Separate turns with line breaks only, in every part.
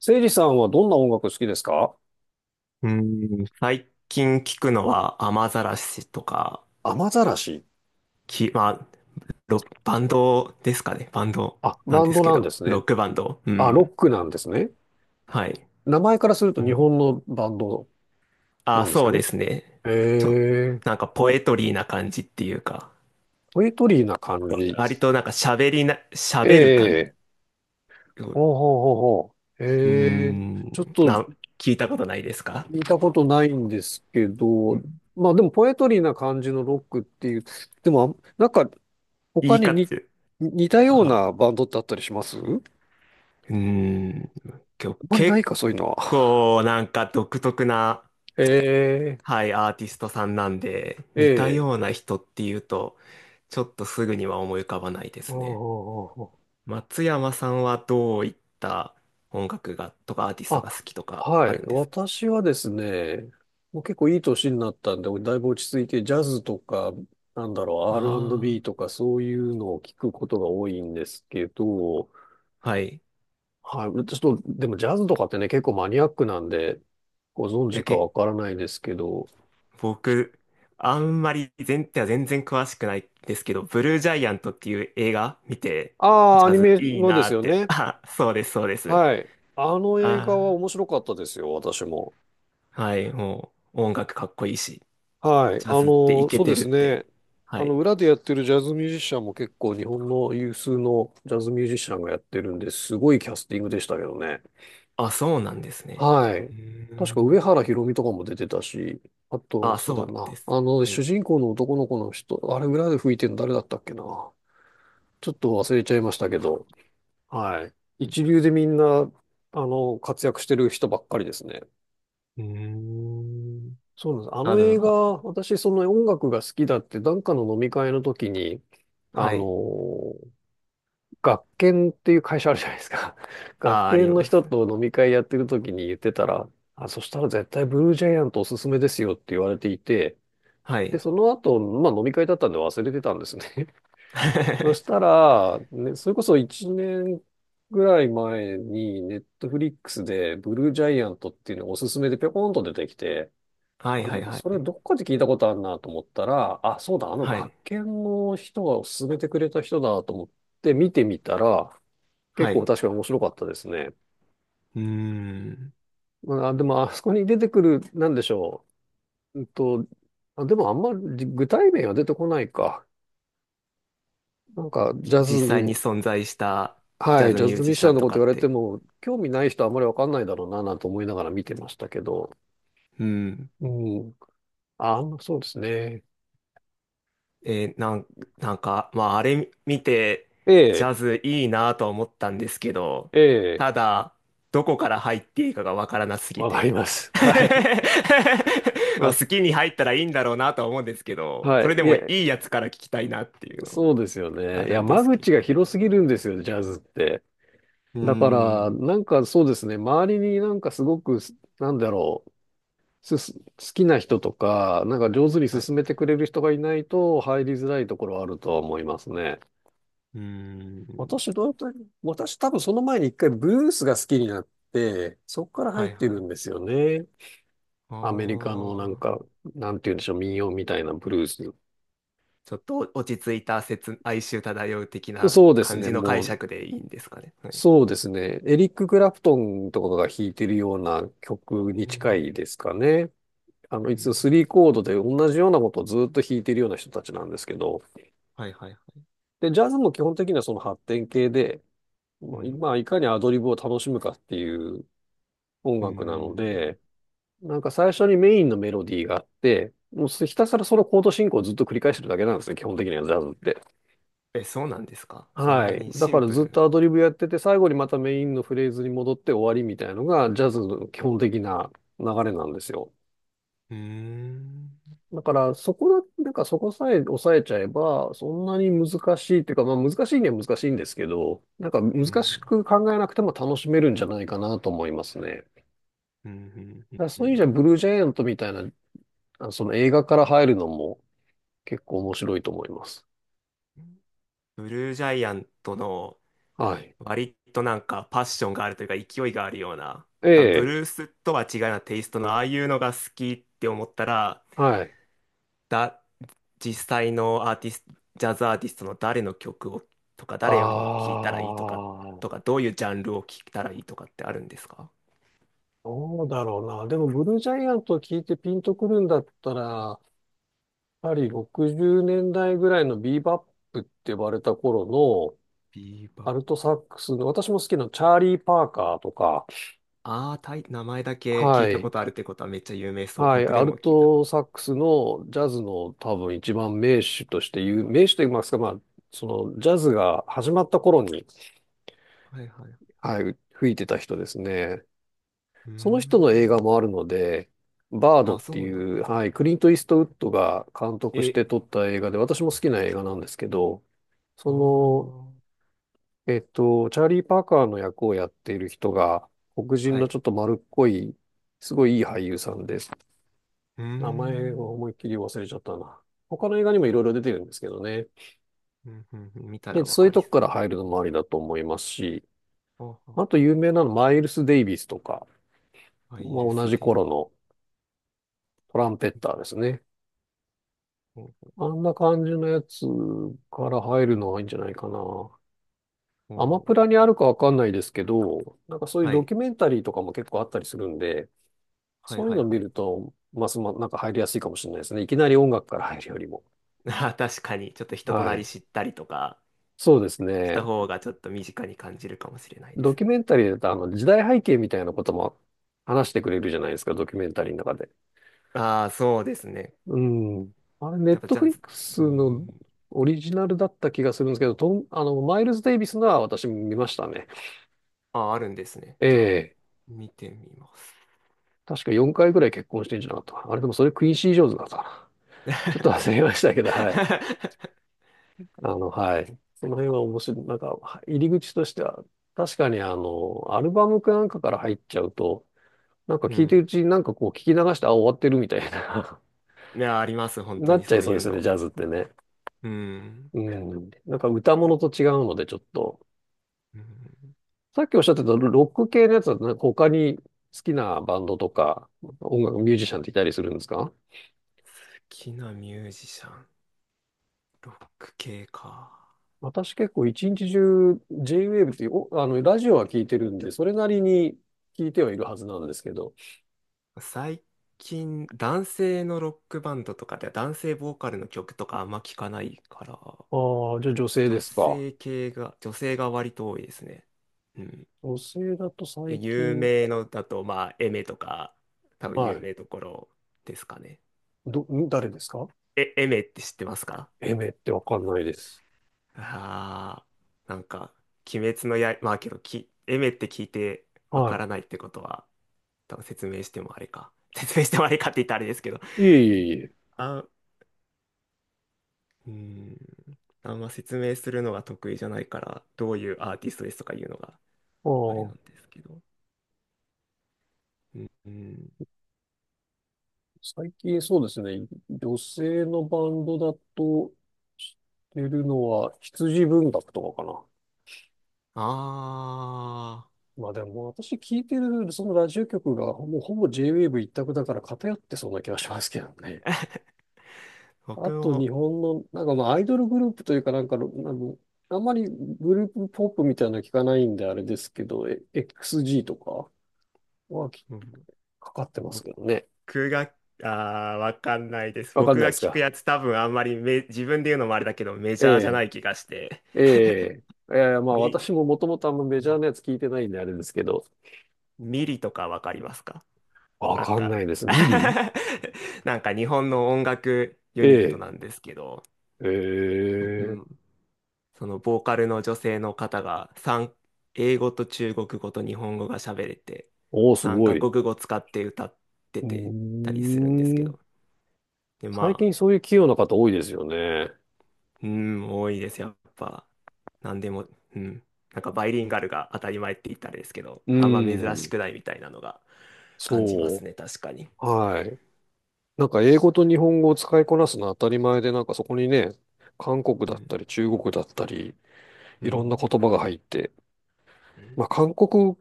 せいじさんはどんな音楽好きですか？
うーん、最近聞くのは雨ざらしとか、
雨ざらし。
まあ、バンドですかね。バンド
あ、
なん
バン
です
ド
け
なんで
ど、
す
ロ
ね。
ックバンド。う
あ、ロ
ん。
ックなんですね。
はい。
名前からする
う
と日
ん。
本のバンドな
あ、
んです
そ
か
うで
ね。
すね。
へ
ちょ、
え。
なんかポエトリーな感じっていうか、
ポエトリーな感じ。
割となんか喋りな、喋る感じ。
ええ、
う
ほうほうほうほう。
ー
ええ、
ん、
ちょっと
な、聞いたことないですか？
聞いたことないんですけ
う
ど、
ん。
まあでもポエトリーな感じのロックっていう、でもなんか
言
他
い
に
方、
似たような
あ、
バンドってあったりします？あん
うーん、今日
まりない
結
か、そういうのは。
構なんか独特な、
え
はい、アーティストさんなんで、
え
似た
え
よう
え、
な人っていうと、ちょっとすぐには思い浮かばないで
あ
すね。
あ、
松山さんはどういった音楽が、とかアーティス
あ
ト
あ
が好きと
あ、
か
は
あ
い。
るんですか？
私はですね、もう結構いい年になったんで、だいぶ落ち着いて、ジャズとか、なんだろう、
あ
R&B と
あ
かそういうのを聞くことが多いんですけど、
ー、はい。
はい。ちょっと、でもジャズとかってね、結構マニアックなんで、ご存知
え、
か
け、
わからないですけど、
僕、あんまり全体は全然詳しくないですけど、ブルージャイアントっていう映画見て、
ああ、
ジ
ア
ャ
ニ
ズ
メ
いい
ので
なー
す
っ
よ
て。
ね。
あ、そうです、そうです。
はい。あの映画は
あ
面白かったですよ、私も。
あ、はい、もう音楽かっこいいし、
はい。
ジャ
あ
ズってイ
の、
ケ
そうで
てるっ
す
て。
ね。
は
あの、
い。
裏でやってるジャズミュージシャンも結構日本の有数のジャズミュージシャンがやってるんで、すごいキャスティングでしたけどね。
あ、そうなんですね。
はい。
うー
確か
ん。
上原ひろみとかも出てたし、あと、
あ、
そう
そ
だ
う
な。
です
あ
ね。
の、
は
主
い。
人公の男の子の人、あれ裏で吹いてるの誰だったっけな。ちょっと忘れちゃいましたけど、はい。一
う
流でみんな、あの、活躍してる人ばっかりですね。
ーん。
そうなんです。あ
あ、
の映画、私、その音楽が好きだって、なんかの飲み会の時に、あ
は
の
い。
ー、学研っていう会社あるじゃないですか。学
あ、あり
研の
ま
人
す。
と飲み会やってる時に言ってたら、あ、そしたら絶対ブルージャイアントおすすめですよって言われていて、
は
で、
い。
その後、まあ飲み会だったんで忘れてたんですね。そした ら、ね、それこそ1年ぐらい前に、ネットフリックスでブルージャイアントっていうのがおすすめでぴょこんと出てきて、
はい
あ、
は
な
い
んか
は
それ
い。
どっかで聞いたことあるなと思ったら、あ、そうだ、あの
はい。
学研の人が勧めてくれた人だと思って見てみたら、結
は
構
い。
確かに面白かったですね。
うーん。
まあ、でもあそこに出てくる、なんでしょう。あ、でもあんまり具体名は出てこないか。なんかジャ
実
ズ、
際に存在したジ
は
ャ
い、
ズ
ジャ
ミュー
ズミッ
ジシ
シャー
ャン
の
と
こ
か
と言わ
っ
れて
て。
も、興味ない人はあんまりわかんないだろうな、なんて思いながら見てましたけど。
うん。
うん。あ、そうですね。
えーなん、なんか、まあ、あれ見て、
え
ジ
え、
ャズいいなとは思ったんですけど、
ええ、
ただ、どこから入っていいかがわからなすぎ
わかり
て。
ます。はい。ま
まあ、
あ、
好きに入ったらいいんだろうなとは思うんですけど、
は
そ
い。
れで
い
もい
え、
いやつから聞きたいなっていうの
そうですよ
あ
ね。い
る
や、
んで
間
すけど。
口が広すぎるんですよ、ジャズって。
うー
だから、
ん。
なんかそうですね、周りになんかすごく、なんだろう、好きな人とか、なんか上手に
はい。
進めてくれる人がいないと入りづらいところはあるとは思いますね。
うーん。
私、どうやった私、多分その前に一回ブルースが好きになって、そこから入
は
っ
い
て
は
る
い。
んですよね。
あ
アメリカのなん
ー、
か、なんて言うんでしょう、民謡みたいなブルース。
ちょっと落ち着いた哀愁漂う的な
そうです
感
ね、
じの解
もう
釈でいいんですかね。はい。
そうですね。エリック・クラプトンとかが弾いてるような曲
うー
に近
ん。
いですかね。あの、い
う
つ
ん。
3コードで同じようなことをずっと弾いてるような人たちなんですけど、
はいはいはい。
で、ジャズも基本的にはその発展系で、
う
まあ、い
ん。
まあいかにアドリブを楽しむかっていう音
うー
楽なの
ん。
で、なんか最初にメインのメロディーがあって、もうひたすらそのコード進行をずっと繰り返してるだけなんですね、基本的にはジャズって。
え、そうなんですか？そん
は
な
い。
に
だ
シ
か
ン
ら
プ
ずっ
ル。
とアドリブやってて、最後にまたメインのフレーズに戻って終わりみたいなのが、ジャズの基本的な流れなんですよ。
うーん。
だから、そこだ、なんかそこさえ抑えちゃえば、そんなに難しいっていうか、まあ難しいには難しいんですけど、なんか難
う
し
ん。
く考えなくても楽しめるんじゃないかなと思いますね。だ
うん。うん
から
うんう
そういう意味じ
ん。
ゃ、ブルージャイアントみたいな、あ、その映画から入るのも結構面白いと思います。
ブルージャイアントの
はい。
割となんかパッションがあるというか勢いがあるような、
え
多分ブ
え、
ルースとは違うようなテイストのああいうのが好きって思ったら、
はい。
だ、実際のアーティスト、ジャズアーティストの誰の曲をとか
あ
誰のを聴いたらいいとか、とか
あ。
どういうジャンルを聴いたらいいとかってあるんですか？
どうだろうな。でも、ブルージャイアントを聞いてピンとくるんだったら、やはり60年代ぐらいのビーバップって呼ばれた頃
ビーバ
の
ッ。
アルトサックスの、私も好きなチャーリー・パーカーとか、
ああ、名前だけ聞い
は
たこ
い。
とあるってことはめっちゃ有名そう。
はい。
僕で
アル
も聞いたこ
ト
とが。
サックスのジャズの多分一番名手として言う、名手と言いますか、まあ、そのジャズが始まった頃に、
はいはい。う
はい、吹いてた人ですね。
ー
その人
ん。
の映画もあるので、バード
あ、
っ
そ
て
う
い
なん
う、はい、クリント・イーストウッドが監督し
え、
て撮った映画で、私も好きな映画なんですけど、そ
あ
の、
あ、
チャーリー・パーカーの役をやっている人が、黒人
はい。
の
う
ちょっと丸っこい、すごいいい俳優さんです。
ー
名前を
ん。
思いっきり忘れちゃったな。他の映画にもいろいろ出てるんですけどね。
うんうんうん、見た
で、
らわ
そうい
か
う
り
とこか
そう。
ら入るのもありだと思いますし、
はあは
あと
あは
有名なのマイルス・デイビスとか、
あ、アイ
まあ、
ル
同
ス
じ
デイビ
頃のトランペッ
ー。
ターですね。
お
あんな感じのやつから入るのはいいんじゃないかな。アマ
お、
プラにあるかわかんないですけど、なんかそういう
は
ド
い。
キュメンタリーとかも結構あったりするんで、
はい
そういう
はい
の
は
見
い。
ると、ますま、なんか入りやすいかもしれないですね。いきなり音楽から入るよりも。
あー、確かに、ちょっと人とな
は
り
い。
知ったりとか
そうです
した
ね。
方がちょっと身近に感じるかもしれないで
ド
す
キュ
ね。
メンタリーだと、あの、時代背景みたいなことも話してくれるじゃないですか、ドキュメンタリーの中で。
ああ、そうですね。
うん。あれ、ネ
や
ッ
っぱ
ト
じゃ
フ
あ、
リッ
ず
クス
うー
の
ん。
オリジナルだった気がするんですけど、あの、マイルズ・デイビスのは私見ましたね。
ああ、あるんですね。じゃあ、
ええ、
見てみます。
確か4回ぐらい結婚してんじゃなかったかな。あれでもそれクインシー・ジョーンズだったかな。ちょっと忘 れましたけど、はい。あの、はい。その辺は面白い。なんか、入り口としては、確かにあの、アルバムかなんかから入っちゃうと、なんか
う
聞いてるう
ん。
ちになんかこう聞き流して、あ、終わってるみたいな
いや、あります、本当
なっ
に
ちゃ
そ
い
う
そう
い
で
う
すよね、
の。
ジャズってね。
うん。
うん。なんか歌物と違うので、ちょっと。
うん、好
さっきおっしゃってたロック系のやつは、なんか他に好きなバンドとか、音楽、ミュージシャンっていたりするんですか？
きなミュージシャン、ロック系か。
私結構一日中 J-Wave っていうあの、ラジオは聞いてるんで、それなりに聞いてはいるはずなんですけど。
最近、男性のロックバンドとかで男性ボーカルの曲とかあんま聞かないから、
ああ、じゃあ女性ですか？
女性が割と多いですね。うん。
女性だと
いや
最
有
近、
名のだと、まあ、エメとか、多分
は
有
い。
名どころですかね。
誰ですか？
え、エメって知ってますか？
エメってわかんないです。
ああ、なんか、鬼滅の刃、まあけど、エメって聞いてわか
は
らないってことは、多分説明してもあれか。説明してもあれかって言ったらあれですけど。
い。いえいえいえ。
あ、うーん。あんま説明するのが得意じゃないから、どういうアーティストですとかいうのが
あ
あれな
あ、
んですけど。うん。
最近そうですね。女性のバンドだと知ってるのは羊文学とかかな。
ああ、
まあでも私聞いてるそのラジオ局がもうほぼ J-Wave 一択だから偏ってそうな気がしますけどね。あ
僕
と日
も、
本のなんかまあアイドルグループというかなんかあの、あんまりグループポップみたいなの聞かないんであれですけど、XG とかはき
うん、
かかってますけどね。
僕が、ああ、わかんないです。
わかん
僕
ないで
が
す
聞く
か。
やつ多分あんまりめ、自分で言うのもあれだけど、メ
え
ジャーじゃな
え、
い気がして。
ええ、ええ、まあ
み
私ももともとあんまメジャーなやつ聞いてないんであれですけど、
ミリとかわかりますか？
わ
なん
かん
か
ないです。ミリ、
なんか日本の音楽ユ
え
ニット
え、
なんですけど、
え
う
え、
ん、そのボーカルの女性の方が英語と中国語と日本語が喋れて、
おーす
三
ご
カ
い。う
国語使って歌って
ー
てたりするんですけ
ん。
ど、で、
最
まあ、
近そういう器用な方多いですよね。
うん、多いです、やっぱ。なんでも、うん、なんかバイリンガルが当たり前って言ったらですけど、
う
あんま珍し
ん。
くないみたいなのが感じま
そ
すね、
う。
確かに。
はい。なんか英語と日本語を使いこなすのは当たり前で、なんかそこにね、韓国
う
だった
ん、
り中国だったり、
う
いろんな
ん。
言葉が入って、
うん、
まあ韓国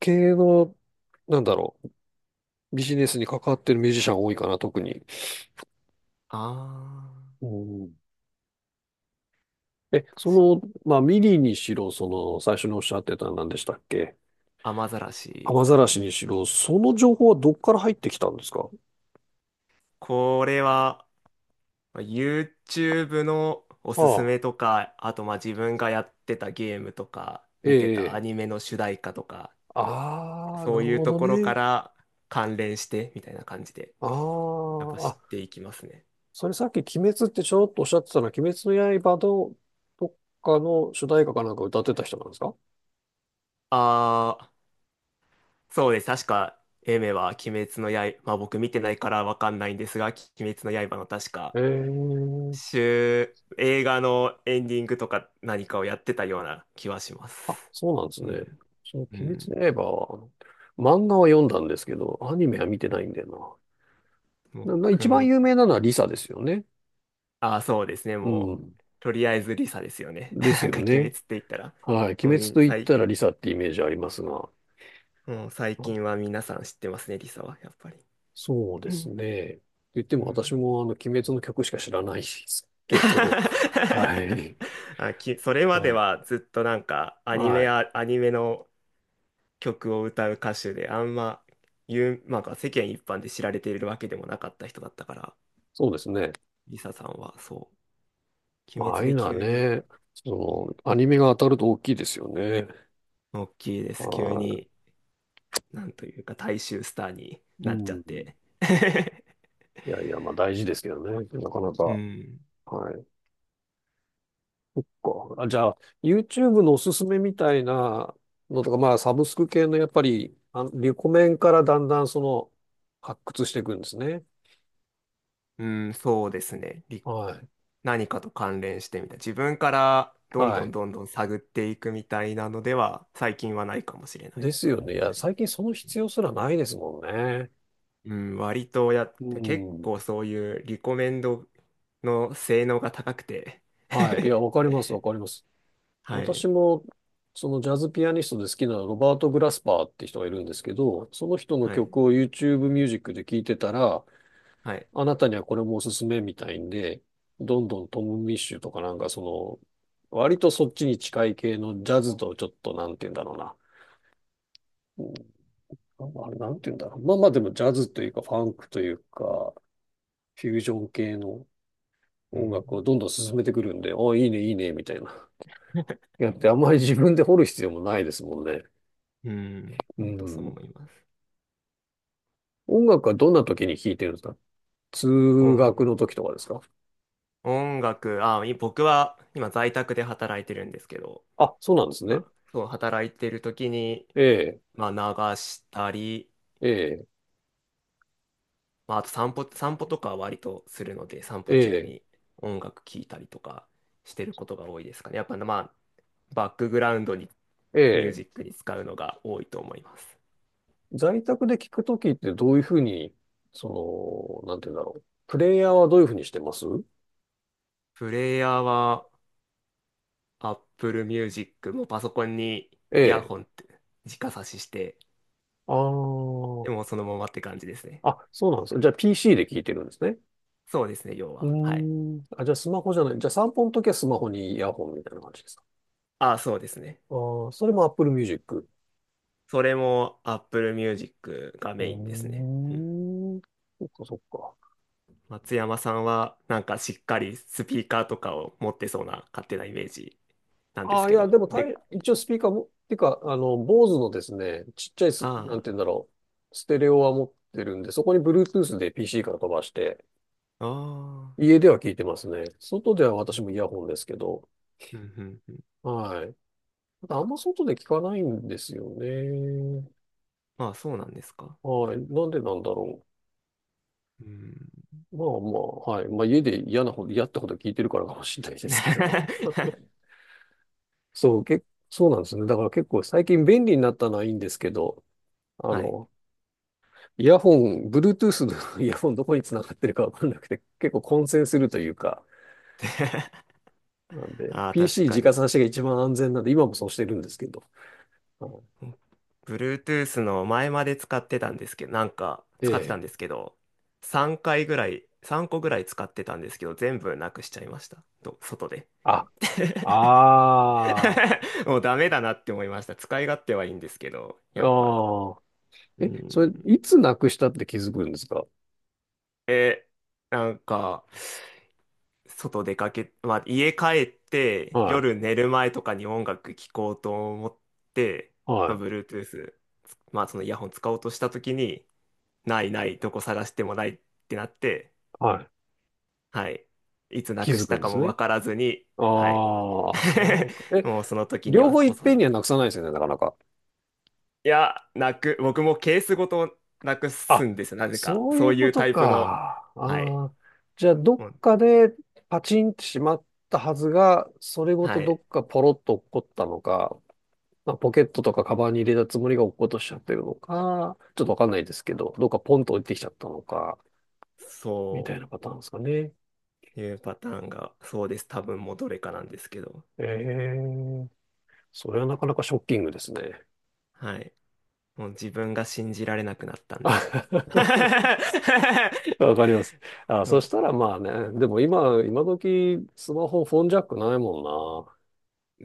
系の、なんだろう、ビジネスに関わってるミュージシャン多いかな、特に。
あ
うん。
ー、
そ
確
の、
か
まあミリにしろ、その、最初におっしゃってた何でしたっけ？
雨ざらし。
雨ざらしにしろ、その情報はどっから入ってきたんですか？
これは、まあ YouTube のお
あ
すす
あ。
めとか、あとまあ自分がやってたゲームとか、
え
見てたア
え。
ニメの主題歌とか、
ああ、な
そ
る
ういう
ほ
と
ど
ころか
ね。
ら関連してみたいな感じで、
あ
やっぱ
あ、
知
あ、
っていきますね。
それさっき鬼滅ってちょろっとおっしゃってたのは、鬼滅の刃のどっかの主題歌かなんか歌ってた人なんですか？
ああ、そうです。確か、エメは鬼滅の刃、まあ僕見てないからわかんないんですが、鬼滅の刃の確か、
ええ、
映画のエンディングとか何かをやってたような気はしま
あ、
す。
そうなんです
う
ね。
ん。
その
う
鬼滅
ん。
の刃は、あの漫画は読んだんですけど、アニメは見てないんだよな。
僕
一番
も、
有名なのはリサですよね。
あ、そうですね。
う
も
ん。
う、とりあえずリサですよね。
で す
なん
よ
か鬼滅っ
ね。
て言ったら、
はい。鬼
もう
滅
みん、
と言っ
最、
たらリサってイメージありますが。
もう最近は皆さん知ってますね、リサは、やっぱり。
そうで
う
す
ん
ね。と言って
う
も私
ん。
も鬼滅の曲しか知らないですけど、は い。
あ、それまで
はい。
はずっとなんか
はい。
アニメの曲を歌う歌手で、あんま、まあ、世間一般で知られているわけでもなかった人だったから、
そうですね。
リサさんはそう、
ま
鬼
あ、ああ
滅
いう
で
のは
急に、
ね、
う
そ
ん、
の、アニメが当たると大きいですよね。
大きいです。急
は
に、なんというか、大衆スターに
い。
なっちゃ
う
っ
ん。い
て。
やいや、まあ大事ですけどね。なかな
う
か。
ん。
はい。じゃあ、YouTube のおすすめみたいなのとか、まあ、サブスク系のやっぱり、あ、リコメンからだんだんその、発掘していくんですね。
うん、そうですね。
はい。
何かと関連してみたい。自分からどん
は
どん
い。
どんどん探っていくみたいなのでは、最近はないかもしれない
ですよね。い
で
や、
すね。
最近その必要すらないですもんね。
うん、割と
う
結
ん。
構そういうリコメンドの性能が高くて
はい。いや、わかります、わかります。
は
私
い、
も、そのジャズピアニストで好きなロバート・グラスパーって人がいるんですけど、その人の
はい、
曲を YouTube ミュージックで聴いてたら、
はい。
あなたにはこれもおすすめみたいんで、どんどんトム・ミッシュとかなんかその、割とそっちに近い系のジャズとちょっとなんて言うんだろうな。うん、あ、まあれ、なんて言うんだろう。まあまあでもジャズというかファンクというか、フュージョン系の
う
音
ん、
楽をどんどん進めてくるんで、あ、いいね、いいね、みたいな。やってあんまり自分で掘る必要もないですもんね。
うん、
う
本当そう思
ん。
います。
音楽はどんな時に聴いてるんですか？通学の
音、
時とかですか？
音楽、あ、僕は今在宅で働いてるんですけど、
あ、そうなんです
ま
ね。
あ、そう、働いてる時に、
ええ、
まあ、流したり、
ええ、
まあ、あと散歩とかは割とするので、散
え
歩中
え、
に音楽聴いたりとかしてることが多いですかね。やっぱ、まあ、バックグラウンドに
え
ミュージ
え。
ックに使うのが多いと思います。
在宅で聴く時ってどういうふうに、その、なんて言うんだろう。プレイヤーはどういうふうにしてます？
プレイヤーは Apple Music もパソコンに
え
イヤ
え。
ホンって直差しして、
あ
で
あ。
もそのままって感じですね。
あ、そうなんですね。じゃあ PC で聴いてるんですね。
そうですね、要
うー
は。はい。
ん。あ、じゃあスマホじゃない。じゃあ散歩の時はスマホにイヤホンみたいな感じですか？
あ、そうですね。
ああ、それも Apple Music。
それも Apple Music が
う
メインですね。
ー
うん。
ん。そっかそっか。
松山さんはなんかしっかりスピーカーとかを持ってそうな勝手なイメージなんで
あ
す
あ、い
け
や、
ど。
でも
で、
一応スピーカーも、てか、あの、坊主のですね、ちっちゃいす、なん
あ
て言うんだろう、ステレオは持ってるんで、そこに Bluetooth で PC から飛ばして、
あ、ああ、
家では聞いてますね。外では
う
私
ん、
もイヤホンですけど、
うん、うん。うん、
はい。ただあんま外で聞かないんですよね。
まあそうなんですか。
はい。なんでなんだろ
うん。
う。まあまあ、はい。まあ家で嫌ってほど聞いてるからかもしれないですけど。そう、け、そうなんですね。だから結構最近便利になったのはいいんですけど、あ
はい。
の、イヤホン、Bluetooth の イヤホンどこにつながってるかわかんなくて、結構混戦するというか、
で。
なんで、
ああ、確か
PC 直
に。
差しが一番安全なんで、今もそうしてるんですけど。はい。
Bluetooth の前まで使ってたんですけど、なんか
え
使ってたん
え。
ですけど、3回ぐらい、3個ぐらい使ってたんですけど、全部なくしちゃいました。と、外で。
あ、あ
もうダメだなって思いました。使い勝手はいいんですけど、
あ、
やっぱ。
ああ。
う
え、それ、
ん。
いつなくしたって気づくんですか？
え、なんか、外出かけ、まあ、家帰って
は
夜寝る前とかに音楽聴こうと思って、
い、は
まあ、
い、
まあそのイヤホン使おうとした時に、ないない、どこ探してもないってなって、
はい。
はい。いつな
気
く
づ
し
く
た
んで
か
す
も
ね。
わからずに、はい。
ああ、そうか。え、
もうその時に
両
は
方いっ
遅い。
ぺんに
い
はなくさないですよね、なかなか。
や、僕もケースごとなく
あ、
すんですよ、なぜか。
そう
そ
いう
うい
こ
う
と
タイプの、
か。
はい。
じゃあ、どっ
もう、
かでパチンってしまったはずが、それごと
は
ど
い。
っかポロッと落っこったのか、まあ、ポケットとかカバンに入れたつもりが落っことしちゃってるのか、ちょっとわかんないですけど、どっかポンと落ちてきちゃったのか、みたい
そ
なパターンですかね。
ういうパターンが、そうです。多分もうどれかなんですけど。
ええ、それはなかなかショッキングですね。
はい。もう自分が信じられなくなったんで。
わかります。あ、
う
そ
ん。
したらまあね、でも今時スマホフォンジャックないもん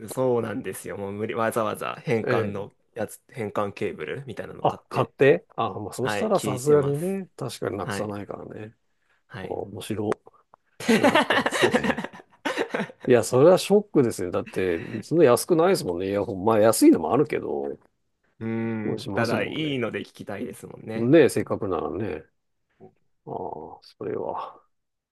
そうなんですよ。もう無理、わざわざ変
な。
換
ええ、
のやつ、変換ケーブルみたいなの
あ、
買っ
買っ
て、
て、あ、まあ、そし
は
た
い、
ら
聞
さ
い
す
て
が
ま
に
す。
ね、確かになく
は
さ
い、
ないからね。
は
あ、
い。
面白そうだったんですね。いや、それはショックですね。だって、そんな安くないですもんね、イヤホン。まあ、安いのもあるけど、
う
もう
ーん、
しま
た
す
だ
もん
い
ね。
いので聞きたいですもんね。
ねえ、せ
う
っか
ん
くならね。ああ、それは。